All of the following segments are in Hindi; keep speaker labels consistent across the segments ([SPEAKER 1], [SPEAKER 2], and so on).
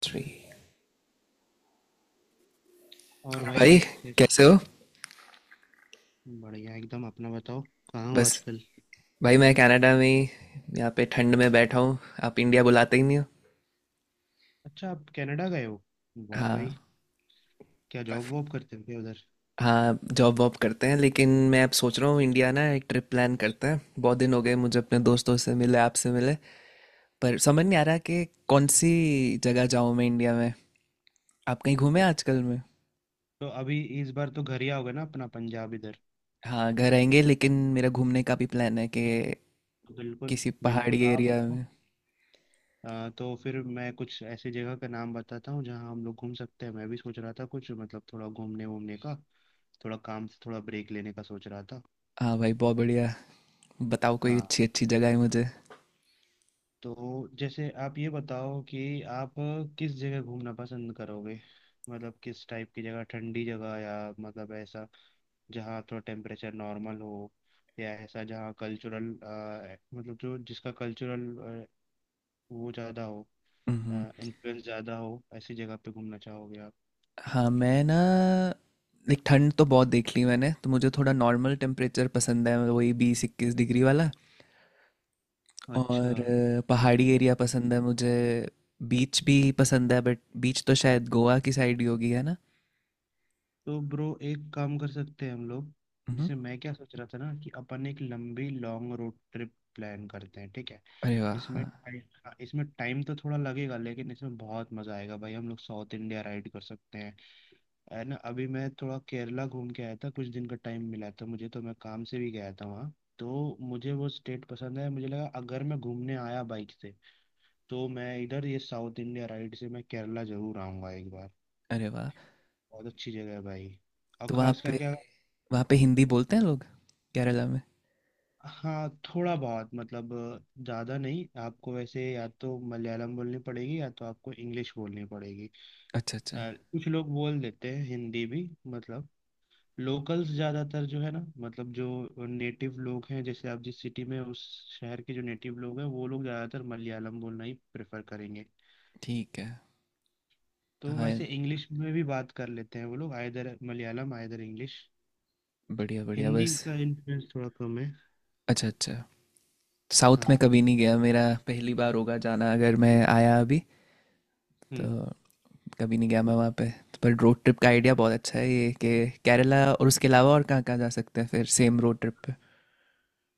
[SPEAKER 1] थ्री।
[SPEAKER 2] और
[SPEAKER 1] और
[SPEAKER 2] भाई।
[SPEAKER 1] भाई
[SPEAKER 2] यस।
[SPEAKER 1] कैसे हो।
[SPEAKER 2] बढ़िया एकदम अपना बताओ। कहाँ हो
[SPEAKER 1] बस
[SPEAKER 2] आजकल?
[SPEAKER 1] भाई मैं कनाडा में ही यहाँ पे ठंड में बैठा हूँ। आप इंडिया बुलाते ही नहीं हो।
[SPEAKER 2] अच्छा, आप कनाडा गए हो। वाह भाई।
[SPEAKER 1] हाँ।
[SPEAKER 2] क्या जॉब
[SPEAKER 1] काफ-
[SPEAKER 2] वॉब करते हो क्या उधर?
[SPEAKER 1] हाँ, जॉब वॉब करते हैं लेकिन मैं अब सोच रहा हूँ इंडिया ना एक ट्रिप प्लान करते हैं। बहुत दिन हो गए मुझे अपने दोस्तों से मिले, आपसे मिले। पर समझ नहीं आ रहा कि कौन सी जगह जाऊँ मैं इंडिया में। आप कहीं घूमे
[SPEAKER 2] अच्छा।
[SPEAKER 1] आजकल में?
[SPEAKER 2] तो अभी इस बार तो घर ही आओगे ना अपना पंजाब इधर?
[SPEAKER 1] हाँ, घर आएंगे लेकिन मेरा घूमने का भी प्लान है कि
[SPEAKER 2] बिल्कुल।
[SPEAKER 1] किसी
[SPEAKER 2] बिल्कुल
[SPEAKER 1] पहाड़ी
[SPEAKER 2] आप
[SPEAKER 1] एरिया
[SPEAKER 2] आओ।
[SPEAKER 1] में।
[SPEAKER 2] तो फिर मैं कुछ ऐसी जगह का नाम बताता हूँ जहाँ हम लोग घूम सकते हैं। मैं भी सोच रहा था कुछ मतलब थोड़ा घूमने वूमने का। थोड़ा काम से थोड़ा ब्रेक लेने का सोच रहा था।
[SPEAKER 1] हाँ भाई, बहुत बढ़िया। बताओ कोई
[SPEAKER 2] हाँ।
[SPEAKER 1] अच्छी अच्छी जगह है मुझे।
[SPEAKER 2] तो जैसे आप ये बताओ कि आप किस जगह घूमना पसंद करोगे? मतलब किस टाइप की जगह? ठंडी जगह या मतलब ऐसा जहाँ थोड़ा टेम्परेचर नॉर्मल हो, या ऐसा जहाँ कल्चरल मतलब जो जिसका कल्चरल वो ज़्यादा हो,
[SPEAKER 1] हम्म।
[SPEAKER 2] इन्फ्लुएंस ज़्यादा हो? ऐसी जगह पे घूमना चाहोगे आप?
[SPEAKER 1] हाँ, मैं ना लाइक ठंड तो बहुत देख ली मैंने, तो मुझे थोड़ा नॉर्मल टेम्परेचर पसंद है, वही 20-21 डिग्री वाला।
[SPEAKER 2] अच्छा।
[SPEAKER 1] और पहाड़ी एरिया पसंद है मुझे। बीच भी पसंद है बट बीच तो शायद गोवा की साइड ही होगी, है ना।
[SPEAKER 2] तो ब्रो एक काम कर सकते हैं हम लोग।
[SPEAKER 1] मम्हम।
[SPEAKER 2] जैसे मैं क्या सोच रहा था ना कि अपन एक लंबी लॉन्ग रोड ट्रिप प्लान करते हैं, ठीक है।
[SPEAKER 1] अरे वाह,
[SPEAKER 2] इसमें
[SPEAKER 1] हाँ।
[SPEAKER 2] टाइम इसमें टाइम तो थोड़ा लगेगा, लेकिन इसमें बहुत मजा आएगा भाई। हम लोग साउथ इंडिया राइड कर सकते हैं, है ना। अभी मैं थोड़ा केरला घूम के आया था, कुछ दिन का टाइम मिला था मुझे, तो मैं काम से भी गया था वहाँ। तो मुझे वो स्टेट पसंद है। मुझे लगा अगर मैं घूमने आया बाइक से, तो मैं इधर ये साउथ इंडिया राइड से मैं केरला जरूर आऊँगा एक बार।
[SPEAKER 1] अरे वाह,
[SPEAKER 2] बहुत अच्छी जगह है भाई। और
[SPEAKER 1] तो
[SPEAKER 2] खास करके अगर-
[SPEAKER 1] वहाँ पे हिंदी बोलते हैं लोग केरला में?
[SPEAKER 2] हाँ, थोड़ा बहुत मतलब, ज़्यादा नहीं। आपको वैसे या तो मलयालम बोलनी पड़ेगी या तो आपको इंग्लिश बोलनी पड़ेगी।
[SPEAKER 1] अच्छा अच्छा।
[SPEAKER 2] अ, कुछ लोग बोल देते हैं हिंदी भी। मतलब लोकल्स ज़्यादातर जो है ना, मतलब जो नेटिव लोग हैं जैसे आप जिस सिटी में, उस शहर के जो नेटिव लोग हैं वो लोग ज़्यादातर मलयालम बोलना ही प्रेफर करेंगे।
[SPEAKER 1] ठीक है।
[SPEAKER 2] तो
[SPEAKER 1] हाँ,
[SPEAKER 2] वैसे इंग्लिश में भी बात कर लेते हैं वो लोग। Either Malayalam either English.
[SPEAKER 1] बढ़िया बढ़िया
[SPEAKER 2] हिंदी
[SPEAKER 1] बस।
[SPEAKER 2] का इन्फ्लुएंस थोड़ा कम है।
[SPEAKER 1] अच्छा अच्छा, साउथ में
[SPEAKER 2] हाँ।
[SPEAKER 1] कभी नहीं गया। मेरा पहली बार होगा जाना अगर मैं आया अभी तो।
[SPEAKER 2] हम्म।
[SPEAKER 1] कभी नहीं गया मैं वहाँ पे। पर रोड ट्रिप का आइडिया बहुत अच्छा है, ये कि केरला और उसके अलावा और कहाँ कहाँ जा सकते हैं फिर सेम रोड ट्रिप पे।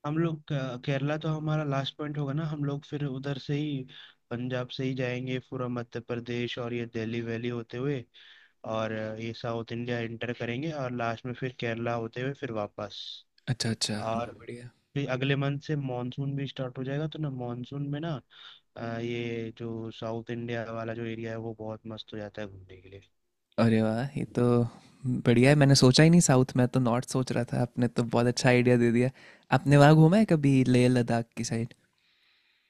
[SPEAKER 2] हम लोग केरला तो हमारा लास्ट पॉइंट होगा ना। हम लोग फिर उधर से ही पंजाब से ही जाएंगे, पूरा मध्य प्रदेश और ये दिल्ली वैली होते हुए और ये साउथ इंडिया एंटर करेंगे और लास्ट में फिर केरला होते हुए फिर वापस।
[SPEAKER 1] अच्छा अच्छा, बहुत
[SPEAKER 2] और
[SPEAKER 1] बढ़िया।
[SPEAKER 2] फिर अगले मंथ से मॉनसून भी स्टार्ट हो जाएगा, तो ना मॉनसून में ना ये जो साउथ इंडिया वाला जो एरिया है वो बहुत मस्त हो जाता है घूमने के लिए।
[SPEAKER 1] अरे वाह ये तो बढ़िया है। मैंने सोचा ही नहीं साउथ में, तो नॉर्थ सोच रहा था। आपने तो बहुत अच्छा आइडिया दे दिया। आपने वहाँ घूमा है कभी लेह लद्दाख की साइड?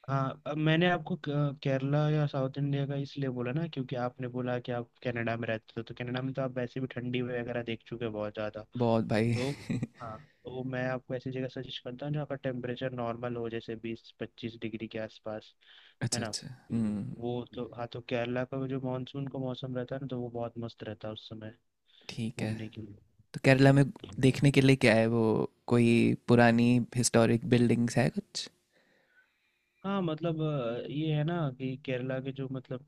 [SPEAKER 2] हाँ, अब मैंने आपको केरला या साउथ इंडिया का इसलिए बोला ना क्योंकि आपने बोला कि आप कनाडा में रहते हो, तो कनाडा में तो आप वैसे भी ठंडी वगैरह देख चुके हो बहुत ज़्यादा।
[SPEAKER 1] बहुत भाई।
[SPEAKER 2] तो हाँ। तो मैं आपको ऐसी जगह सजेस्ट करता हूँ जहाँ का टेम्परेचर नॉर्मल हो जैसे 20-25 डिग्री के आसपास। है
[SPEAKER 1] अच्छा
[SPEAKER 2] ना।
[SPEAKER 1] अच्छा। हम्म।
[SPEAKER 2] वो तो हाँ, तो केरला का जो मानसून का मौसम रहता है ना, तो वो बहुत मस्त रहता है उस समय
[SPEAKER 1] ठीक है।
[SPEAKER 2] घूमने के लिए।
[SPEAKER 1] तो केरला में देखने के लिए क्या है, वो कोई पुरानी हिस्टोरिक बिल्डिंग्स है कुछ?
[SPEAKER 2] हाँ मतलब ये है ना कि केरला के जो मतलब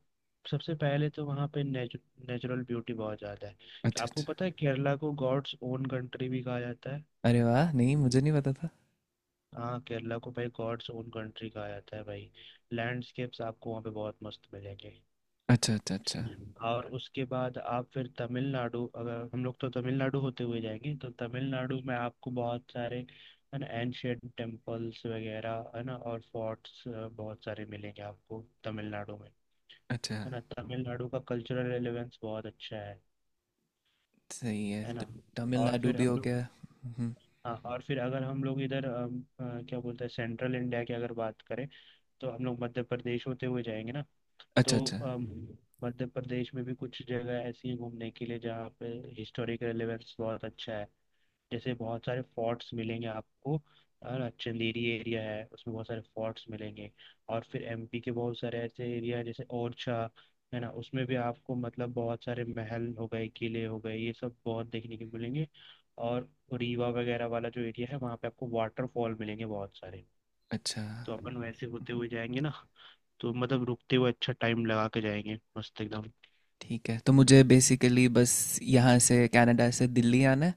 [SPEAKER 2] सबसे पहले तो वहाँ पे नेचुरल ब्यूटी बहुत ज़्यादा है।
[SPEAKER 1] अच्छा
[SPEAKER 2] आपको
[SPEAKER 1] अच्छा।
[SPEAKER 2] पता है केरला को गॉड्स ओन कंट्री भी कहा जाता है।
[SPEAKER 1] अरे वाह, नहीं मुझे नहीं पता था।
[SPEAKER 2] हाँ केरला को भाई गॉड्स ओन कंट्री कहा जाता है भाई। लैंडस्केप्स आपको वहाँ पे बहुत मस्त मिलेंगे।
[SPEAKER 1] अच्छा अच्छा अच्छा।
[SPEAKER 2] और उसके बाद आप फिर तमिलनाडु, अगर हम लोग तो तमिलनाडु होते हुए जाएंगे तो तमिलनाडु में आपको बहुत सारे, है ना, एंशियंट टेम्पल्स वगैरह, है ना, और फोर्ट्स बहुत सारे मिलेंगे आपको तमिलनाडु में।
[SPEAKER 1] अच्छा,
[SPEAKER 2] है ना, तमिलनाडु का कल्चरल रेलेवेंस बहुत अच्छा है।
[SPEAKER 1] सही है।
[SPEAKER 2] है
[SPEAKER 1] तो
[SPEAKER 2] ना। और
[SPEAKER 1] तमिलनाडु
[SPEAKER 2] फिर
[SPEAKER 1] भी
[SPEAKER 2] हम
[SPEAKER 1] हो
[SPEAKER 2] लोग,
[SPEAKER 1] गया। हम्म।
[SPEAKER 2] हाँ, और फिर अगर हम लोग इधर क्या बोलते हैं सेंट्रल इंडिया की अगर बात करें, तो हम लोग मध्य प्रदेश होते हुए जाएंगे ना। तो
[SPEAKER 1] अच्छा अच्छा
[SPEAKER 2] अम, मध्य प्रदेश में भी कुछ जगह ऐसी हैं घूमने के लिए जहाँ पे हिस्टोरिक रेलेवेंस बहुत अच्छा है। जैसे बहुत सारे फोर्ट्स मिलेंगे आपको, है ना। चंदेरी एरिया है उसमें बहुत सारे फोर्ट्स मिलेंगे। और फिर एमपी के बहुत सारे ऐसे एरिया हैं जैसे ओरछा, है ना। उसमें भी आपको मतलब बहुत सारे महल हो गए, किले हो गए, ये सब बहुत देखने के मिलेंगे। और रीवा वगैरह वाला जो एरिया है, वहाँ पे आपको वाटरफॉल मिलेंगे बहुत सारे।
[SPEAKER 1] अच्छा।
[SPEAKER 2] तो अपन वैसे होते हुए जाएंगे ना, तो मतलब रुकते हुए अच्छा टाइम लगा के जाएंगे, मस्त एकदम।
[SPEAKER 1] ठीक है तो मुझे बेसिकली बस यहाँ से, कनाडा से दिल्ली आना है,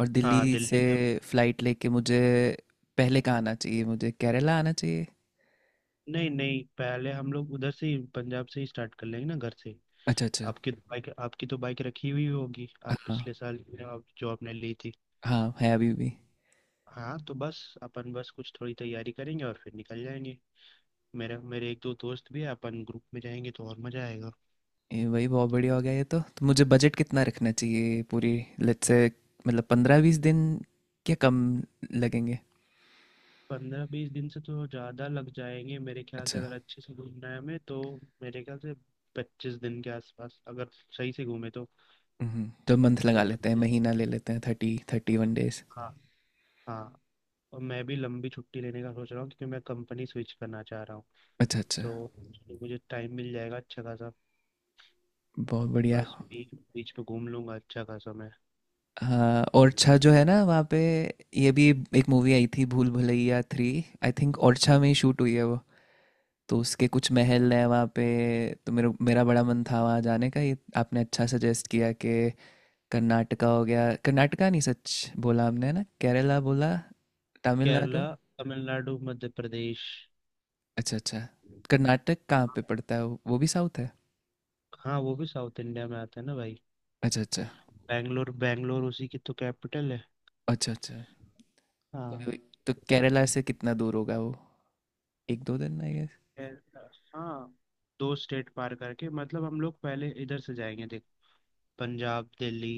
[SPEAKER 1] और
[SPEAKER 2] हाँ
[SPEAKER 1] दिल्ली
[SPEAKER 2] दिल्ली
[SPEAKER 1] से
[SPEAKER 2] से।
[SPEAKER 1] फ्लाइट लेके मुझे पहले कहाँ आना चाहिए, मुझे केरला आना चाहिए?
[SPEAKER 2] नहीं नहीं, पहले हम लोग उधर से ही पंजाब से ही स्टार्ट कर लेंगे ना घर से।
[SPEAKER 1] अच्छा अच्छा।
[SPEAKER 2] आपकी तो बाइक रखी हुई होगी, आप
[SPEAKER 1] हाँ।
[SPEAKER 2] पिछले साल जो आपने ली थी।
[SPEAKER 1] हाँ है अभी भी।
[SPEAKER 2] हाँ, तो बस अपन बस कुछ थोड़ी तैयारी करेंगे और फिर निकल जाएंगे। मेरे मेरे एक दो दोस्त भी है, अपन ग्रुप में जाएंगे तो और मज़ा आएगा।
[SPEAKER 1] ये भाई बहुत बढ़िया हो गया ये तो। तो मुझे बजट कितना रखना चाहिए पूरी, लेट्स से मतलब 15-20 दिन क्या कम लगेंगे?
[SPEAKER 2] 15-20 दिन से तो ज़्यादा लग जाएंगे मेरे ख्याल से,
[SPEAKER 1] अच्छा।
[SPEAKER 2] अगर अच्छे से घूमना है हमें तो। मेरे ख्याल से 25 दिन के आसपास अगर सही से घूमे तो।
[SPEAKER 1] हम्म, तो मंथ लगा
[SPEAKER 2] तो
[SPEAKER 1] लेते हैं,
[SPEAKER 2] 25।
[SPEAKER 1] महीना ले लेते हैं, 30-31।
[SPEAKER 2] हाँ। हाँ। और मैं भी लंबी छुट्टी लेने का सोच रहा हूँ क्योंकि मैं कंपनी स्विच करना चाह रहा हूँ।
[SPEAKER 1] अच्छा अच्छा,
[SPEAKER 2] तो मुझे टाइम मिल जाएगा अच्छा खासा।
[SPEAKER 1] बहुत बढ़िया।
[SPEAKER 2] बस बीच बीच पे घूम लूंगा अच्छा खासा मैं।
[SPEAKER 1] हाँ, ओरछा जो है ना वहाँ पे ये भी एक मूवी आई थी, भूल भुलैया 3, आई थिंक ओरछा में ही शूट हुई है वो। तो उसके कुछ महल हैं वहाँ पे। तो मेरा मेरा बड़ा मन था वहाँ जाने का। ये आपने अच्छा सजेस्ट किया कि कर्नाटका हो गया, कर्नाटका नहीं सच बोला हमने, है ना, केरला बोला,
[SPEAKER 2] केरला,
[SPEAKER 1] तमिलनाडु।
[SPEAKER 2] तमिलनाडु, मध्य प्रदेश।
[SPEAKER 1] अच्छा अच्छा। कर्नाटक कहाँ पे पड़ता है वो भी साउथ है?
[SPEAKER 2] हाँ वो भी साउथ इंडिया में आता है ना भाई।
[SPEAKER 1] अच्छा अच्छा
[SPEAKER 2] बैंगलोर, बैंगलोर उसी की तो कैपिटल है।
[SPEAKER 1] अच्छा। अच्छा तो,
[SPEAKER 2] हाँ।
[SPEAKER 1] तो केरला से कितना दूर होगा वो, 1-2 दिन आई गेस?
[SPEAKER 2] केरला, हाँ। दो स्टेट पार करके मतलब हम लोग पहले इधर से जाएंगे, पंजाब, दिल्ली,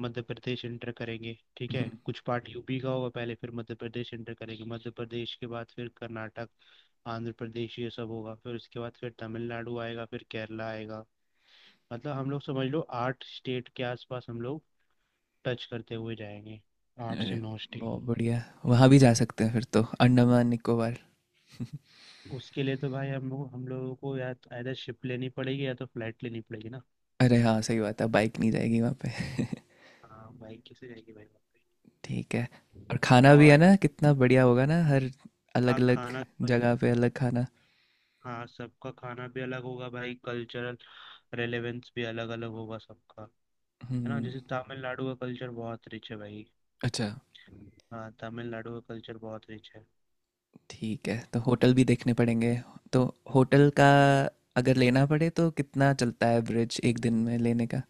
[SPEAKER 2] मध्य प्रदेश इंटर करेंगे, ठीक है। कुछ पार्ट यूपी का होगा पहले, फिर मध्य प्रदेश इंटर करेंगे। मध्य प्रदेश के बाद फिर कर्नाटक, आंध्र प्रदेश, ये सब होगा, फिर उसके बाद फिर तमिलनाडु आएगा, फिर केरला आएगा। मतलब हम लोग समझ लो आठ स्टेट के आसपास हम लोग टच करते हुए जाएंगे। आठ से
[SPEAKER 1] अरे
[SPEAKER 2] नौ स्टेट।
[SPEAKER 1] बहुत बढ़िया, वहाँ भी जा सकते हैं फिर तो, अंडमान निकोबार।
[SPEAKER 2] उसके लिए तो भाई हम लोगों को या तो either शिप लेनी पड़ेगी या तो फ्लाइट लेनी पड़ेगी ना।
[SPEAKER 1] अरे हाँ सही बात है, बाइक नहीं जाएगी वहाँ पे।
[SPEAKER 2] हाँ बाइक कैसे जाएगी भाई वहाँ पे?
[SPEAKER 1] ठीक है। और खाना भी है
[SPEAKER 2] और
[SPEAKER 1] ना, कितना बढ़िया होगा ना हर
[SPEAKER 2] हाँ,
[SPEAKER 1] अलग अलग
[SPEAKER 2] खाना भाई।
[SPEAKER 1] जगह पे अलग खाना।
[SPEAKER 2] हाँ, सबका खाना भी अलग होगा भाई। कल्चरल रेलेवेंस भी अलग अलग होगा सबका, है ना।
[SPEAKER 1] हम्म।
[SPEAKER 2] जैसे तमिलनाडु का कल्चर बहुत रिच है भाई।
[SPEAKER 1] अच्छा।
[SPEAKER 2] हाँ तमिलनाडु का कल्चर बहुत रिच है।
[SPEAKER 1] ठीक है, तो होटल भी देखने पड़ेंगे। तो होटल का अगर लेना पड़े तो कितना चलता है एवरेज एक दिन में लेने का?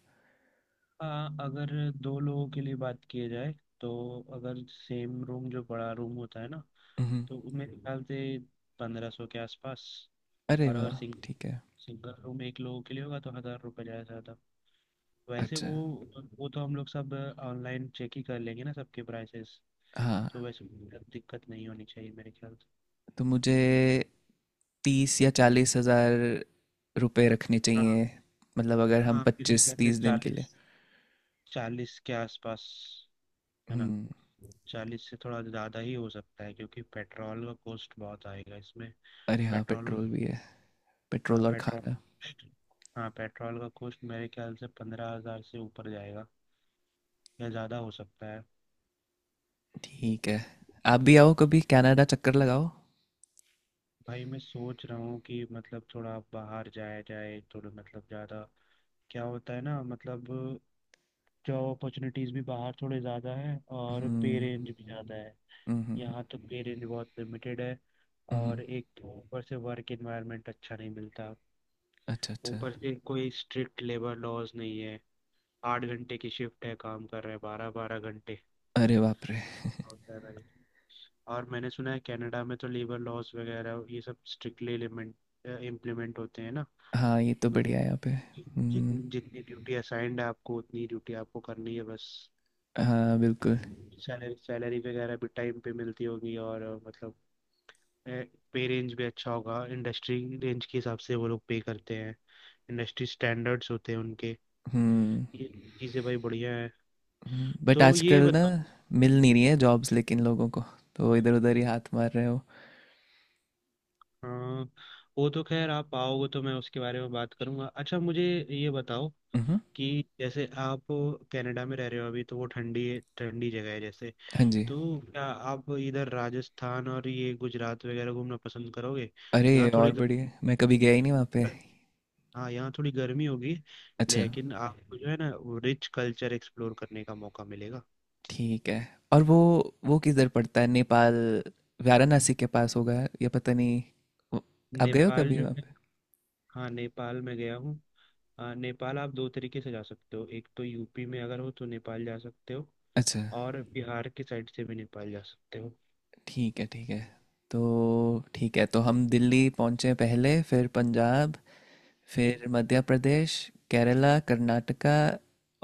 [SPEAKER 2] हाँ, अगर दो लोगों के लिए बात किया जाए, तो अगर सेम रूम, जो बड़ा रूम होता है ना,
[SPEAKER 1] हम्म।
[SPEAKER 2] तो मेरे ख्याल से 1500 के आसपास।
[SPEAKER 1] अरे
[SPEAKER 2] और अगर
[SPEAKER 1] वाह। ठीक है।
[SPEAKER 2] सिंगल रूम एक लोगों के लिए होगा तो 1,000 रुपये ज़्यादा से ज़्यादा। वैसे
[SPEAKER 1] अच्छा।
[SPEAKER 2] वो तो हम लोग सब ऑनलाइन चेक ही कर लेंगे ना सबके प्राइसेस। तो
[SPEAKER 1] हाँ,
[SPEAKER 2] वैसे दिक्कत नहीं होनी चाहिए मेरे ख्याल से।
[SPEAKER 1] तो मुझे 30 या 40 हज़ार रुपए रखने
[SPEAKER 2] हाँ।
[SPEAKER 1] चाहिए, मतलब अगर हम
[SPEAKER 2] हाँ मेरे
[SPEAKER 1] पच्चीस
[SPEAKER 2] ख्याल से
[SPEAKER 1] तीस दिन के लिए।
[SPEAKER 2] चालीस चालीस के आसपास। है ना।
[SPEAKER 1] हम्म।
[SPEAKER 2] 40 से थोड़ा ज़्यादा ही हो सकता है क्योंकि पेट्रोल का कॉस्ट बहुत आएगा इसमें।
[SPEAKER 1] अरे हाँ,
[SPEAKER 2] पेट्रोल।
[SPEAKER 1] पेट्रोल भी है।
[SPEAKER 2] हाँ
[SPEAKER 1] पेट्रोल और
[SPEAKER 2] पेट्रोल।
[SPEAKER 1] खाना।
[SPEAKER 2] हाँ पेट्रोल का कॉस्ट मेरे ख्याल से 15,000 से ऊपर जाएगा या ज़्यादा हो सकता है।
[SPEAKER 1] ठीक है। आप भी आओ कभी, कनाडा चक्कर लगाओ।
[SPEAKER 2] भाई मैं सोच रहा हूँ कि मतलब थोड़ा बाहर जाया जाए थोड़ा मतलब ज़्यादा। क्या होता है ना मतलब जॉब अपॉर्चुनिटीज़ भी बाहर थोड़े ज़्यादा है और पे
[SPEAKER 1] हम्म।
[SPEAKER 2] रेंज भी ज़्यादा है।
[SPEAKER 1] हम्म हम्म,
[SPEAKER 2] यहाँ तो पे रेंज बहुत लिमिटेड है।
[SPEAKER 1] हम्म, हम्म।
[SPEAKER 2] और एक तो ऊपर से वर्क एनवायरनमेंट अच्छा नहीं मिलता।
[SPEAKER 1] अच्छा अच्छा।
[SPEAKER 2] ऊपर से कोई स्ट्रिक्ट लेबर लॉज नहीं है। 8 घंटे की शिफ्ट है, काम कर रहे हैं 12-12 घंटे।
[SPEAKER 1] अरे बाप रे।
[SPEAKER 2] होता है भाई। और मैंने सुना है कनाडा में तो लेबर लॉज वगैरह ये सब स्ट्रिक्टली इम्प्लीमेंट होते हैं ना।
[SPEAKER 1] हाँ ये तो बढ़िया है यहाँ पे।
[SPEAKER 2] मतलब
[SPEAKER 1] हम्म।
[SPEAKER 2] जितनी जितनी ड्यूटी असाइंड है आपको उतनी ड्यूटी आपको करनी है बस।
[SPEAKER 1] हाँ बिल्कुल।
[SPEAKER 2] सैलरी सैलरी वगैरह भी टाइम पे मिलती होगी और मतलब पे रेंज भी अच्छा होगा। इंडस्ट्री रेंज के हिसाब से वो लोग पे करते हैं। इंडस्ट्री स्टैंडर्ड्स होते हैं उनके।
[SPEAKER 1] हम्म।
[SPEAKER 2] ये चीज़ें भाई बढ़िया है।
[SPEAKER 1] बट
[SPEAKER 2] तो ये
[SPEAKER 1] आजकल ना
[SPEAKER 2] बताओ।
[SPEAKER 1] मिल नहीं रही है जॉब्स लेकिन लोगों को। तो इधर उधर ही हाथ मार रहे हो।
[SPEAKER 2] हाँ वो तो खैर आप आओगे तो मैं उसके बारे में बात करूंगा। अच्छा मुझे ये बताओ
[SPEAKER 1] हम्म।
[SPEAKER 2] कि जैसे आप कनाडा में रह रहे हो अभी, तो वो ठंडी ठंडी जगह है जैसे।
[SPEAKER 1] हाँ जी।
[SPEAKER 2] तो क्या आप इधर राजस्थान और ये गुजरात वगैरह घूमना पसंद करोगे? यहाँ
[SPEAKER 1] अरे
[SPEAKER 2] थोड़ी,
[SPEAKER 1] और बढ़िया, मैं कभी गया ही नहीं वहाँ पे।
[SPEAKER 2] हाँ, यहाँ थोड़ी गर्मी होगी,
[SPEAKER 1] अच्छा।
[SPEAKER 2] लेकिन आपको जो है ना वो रिच कल्चर एक्सप्लोर करने का मौका मिलेगा।
[SPEAKER 1] ठीक है। और वो किधर पड़ता है नेपाल, वाराणसी के पास होगा या पता नहीं। वो- आप गए हो
[SPEAKER 2] नेपाल
[SPEAKER 1] कभी
[SPEAKER 2] जो
[SPEAKER 1] वहाँ
[SPEAKER 2] है,
[SPEAKER 1] पे?
[SPEAKER 2] हाँ, नेपाल में गया हूँ। नेपाल आप दो तरीके से जा सकते हो, एक तो यूपी में अगर हो तो नेपाल जा सकते हो
[SPEAKER 1] अच्छा।
[SPEAKER 2] और बिहार की साइड से भी नेपाल जा सकते हो।
[SPEAKER 1] ठीक है ठीक है। तो ठीक है, तो हम दिल्ली पहुँचे पहले, फिर पंजाब,
[SPEAKER 2] हम्म,
[SPEAKER 1] फिर मध्य प्रदेश, केरला, कर्नाटका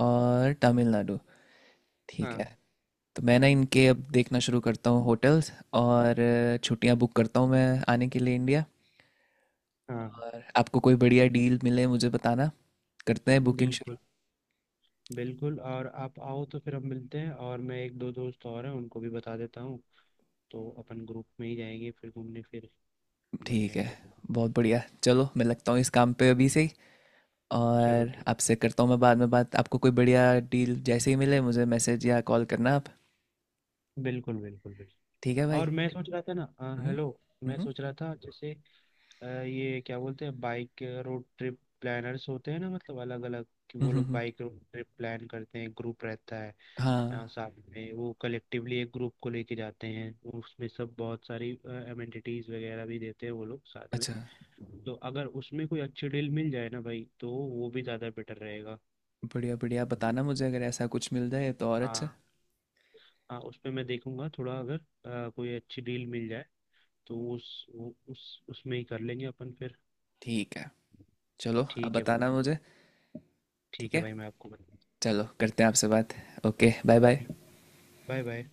[SPEAKER 1] और तमिलनाडु। ठीक
[SPEAKER 2] हाँ।
[SPEAKER 1] है। तो मैं ना इनके अब देखना शुरू करता हूँ होटल्स, और छुट्टियाँ बुक करता हूँ मैं आने के लिए इंडिया।
[SPEAKER 2] हाँ।
[SPEAKER 1] और आपको कोई बढ़िया डील मिले मुझे बताना, करते हैं बुकिंग।
[SPEAKER 2] बिल्कुल बिल्कुल। और आप आओ तो फिर हम मिलते हैं और मैं एक दो दोस्त और हैं उनको भी बता देता हूँ, तो अपन ग्रुप में ही जाएंगे फिर घूमने फिर। बढ़िया
[SPEAKER 1] ठीक है।
[SPEAKER 2] एकदम।
[SPEAKER 1] बहुत बढ़िया, चलो मैं लगता हूँ इस काम पे अभी से ही।
[SPEAKER 2] चलो
[SPEAKER 1] और
[SPEAKER 2] ठीक।
[SPEAKER 1] आपसे करता हूँ मैं बाद में बात। आपको कोई बढ़िया डील जैसे ही मिले मुझे मैसेज या कॉल करना आप।
[SPEAKER 2] बिल्कुल बिल्कुल बिल्कुल।
[SPEAKER 1] ठीक है भाई।
[SPEAKER 2] और मैं सोच रहा था ना
[SPEAKER 1] हम्म
[SPEAKER 2] हेलो मैं
[SPEAKER 1] हम्म
[SPEAKER 2] सोच रहा था जैसे ये क्या बोलते हैं, बाइक रोड ट्रिप प्लानर्स होते हैं ना, मतलब अलग अलग कि
[SPEAKER 1] हम्म
[SPEAKER 2] वो
[SPEAKER 1] हम्म,
[SPEAKER 2] लोग
[SPEAKER 1] हम्म।
[SPEAKER 2] बाइक रोड ट्रिप प्लान करते हैं, ग्रुप रहता है,
[SPEAKER 1] हाँ।
[SPEAKER 2] साथ में वो कलेक्टिवली एक ग्रुप को लेके जाते हैं। उसमें सब बहुत सारी अमेनिटीज वगैरह भी देते हैं वो लोग साथ में।
[SPEAKER 1] अच्छा।
[SPEAKER 2] तो अगर उसमें कोई अच्छी डील मिल जाए ना भाई तो वो भी ज़्यादा बेटर रहेगा।
[SPEAKER 1] बढ़िया बढ़िया, बताना मुझे अगर ऐसा कुछ मिल जाए तो और अच्छा।
[SPEAKER 2] हाँ। हाँ उस पर मैं देखूंगा थोड़ा, अगर कोई अच्छी डील मिल जाए तो उस वो- उस उसमें ही कर लेंगे अपन फिर।
[SPEAKER 1] ठीक है। चलो, आप
[SPEAKER 2] ठीक है भाई।
[SPEAKER 1] बताना मुझे। ठीक
[SPEAKER 2] ठीक है
[SPEAKER 1] है,
[SPEAKER 2] भाई मैं आपको बताऊँ।
[SPEAKER 1] चलो करते हैं आपसे बात। Okay, bye bye.
[SPEAKER 2] Bye bye.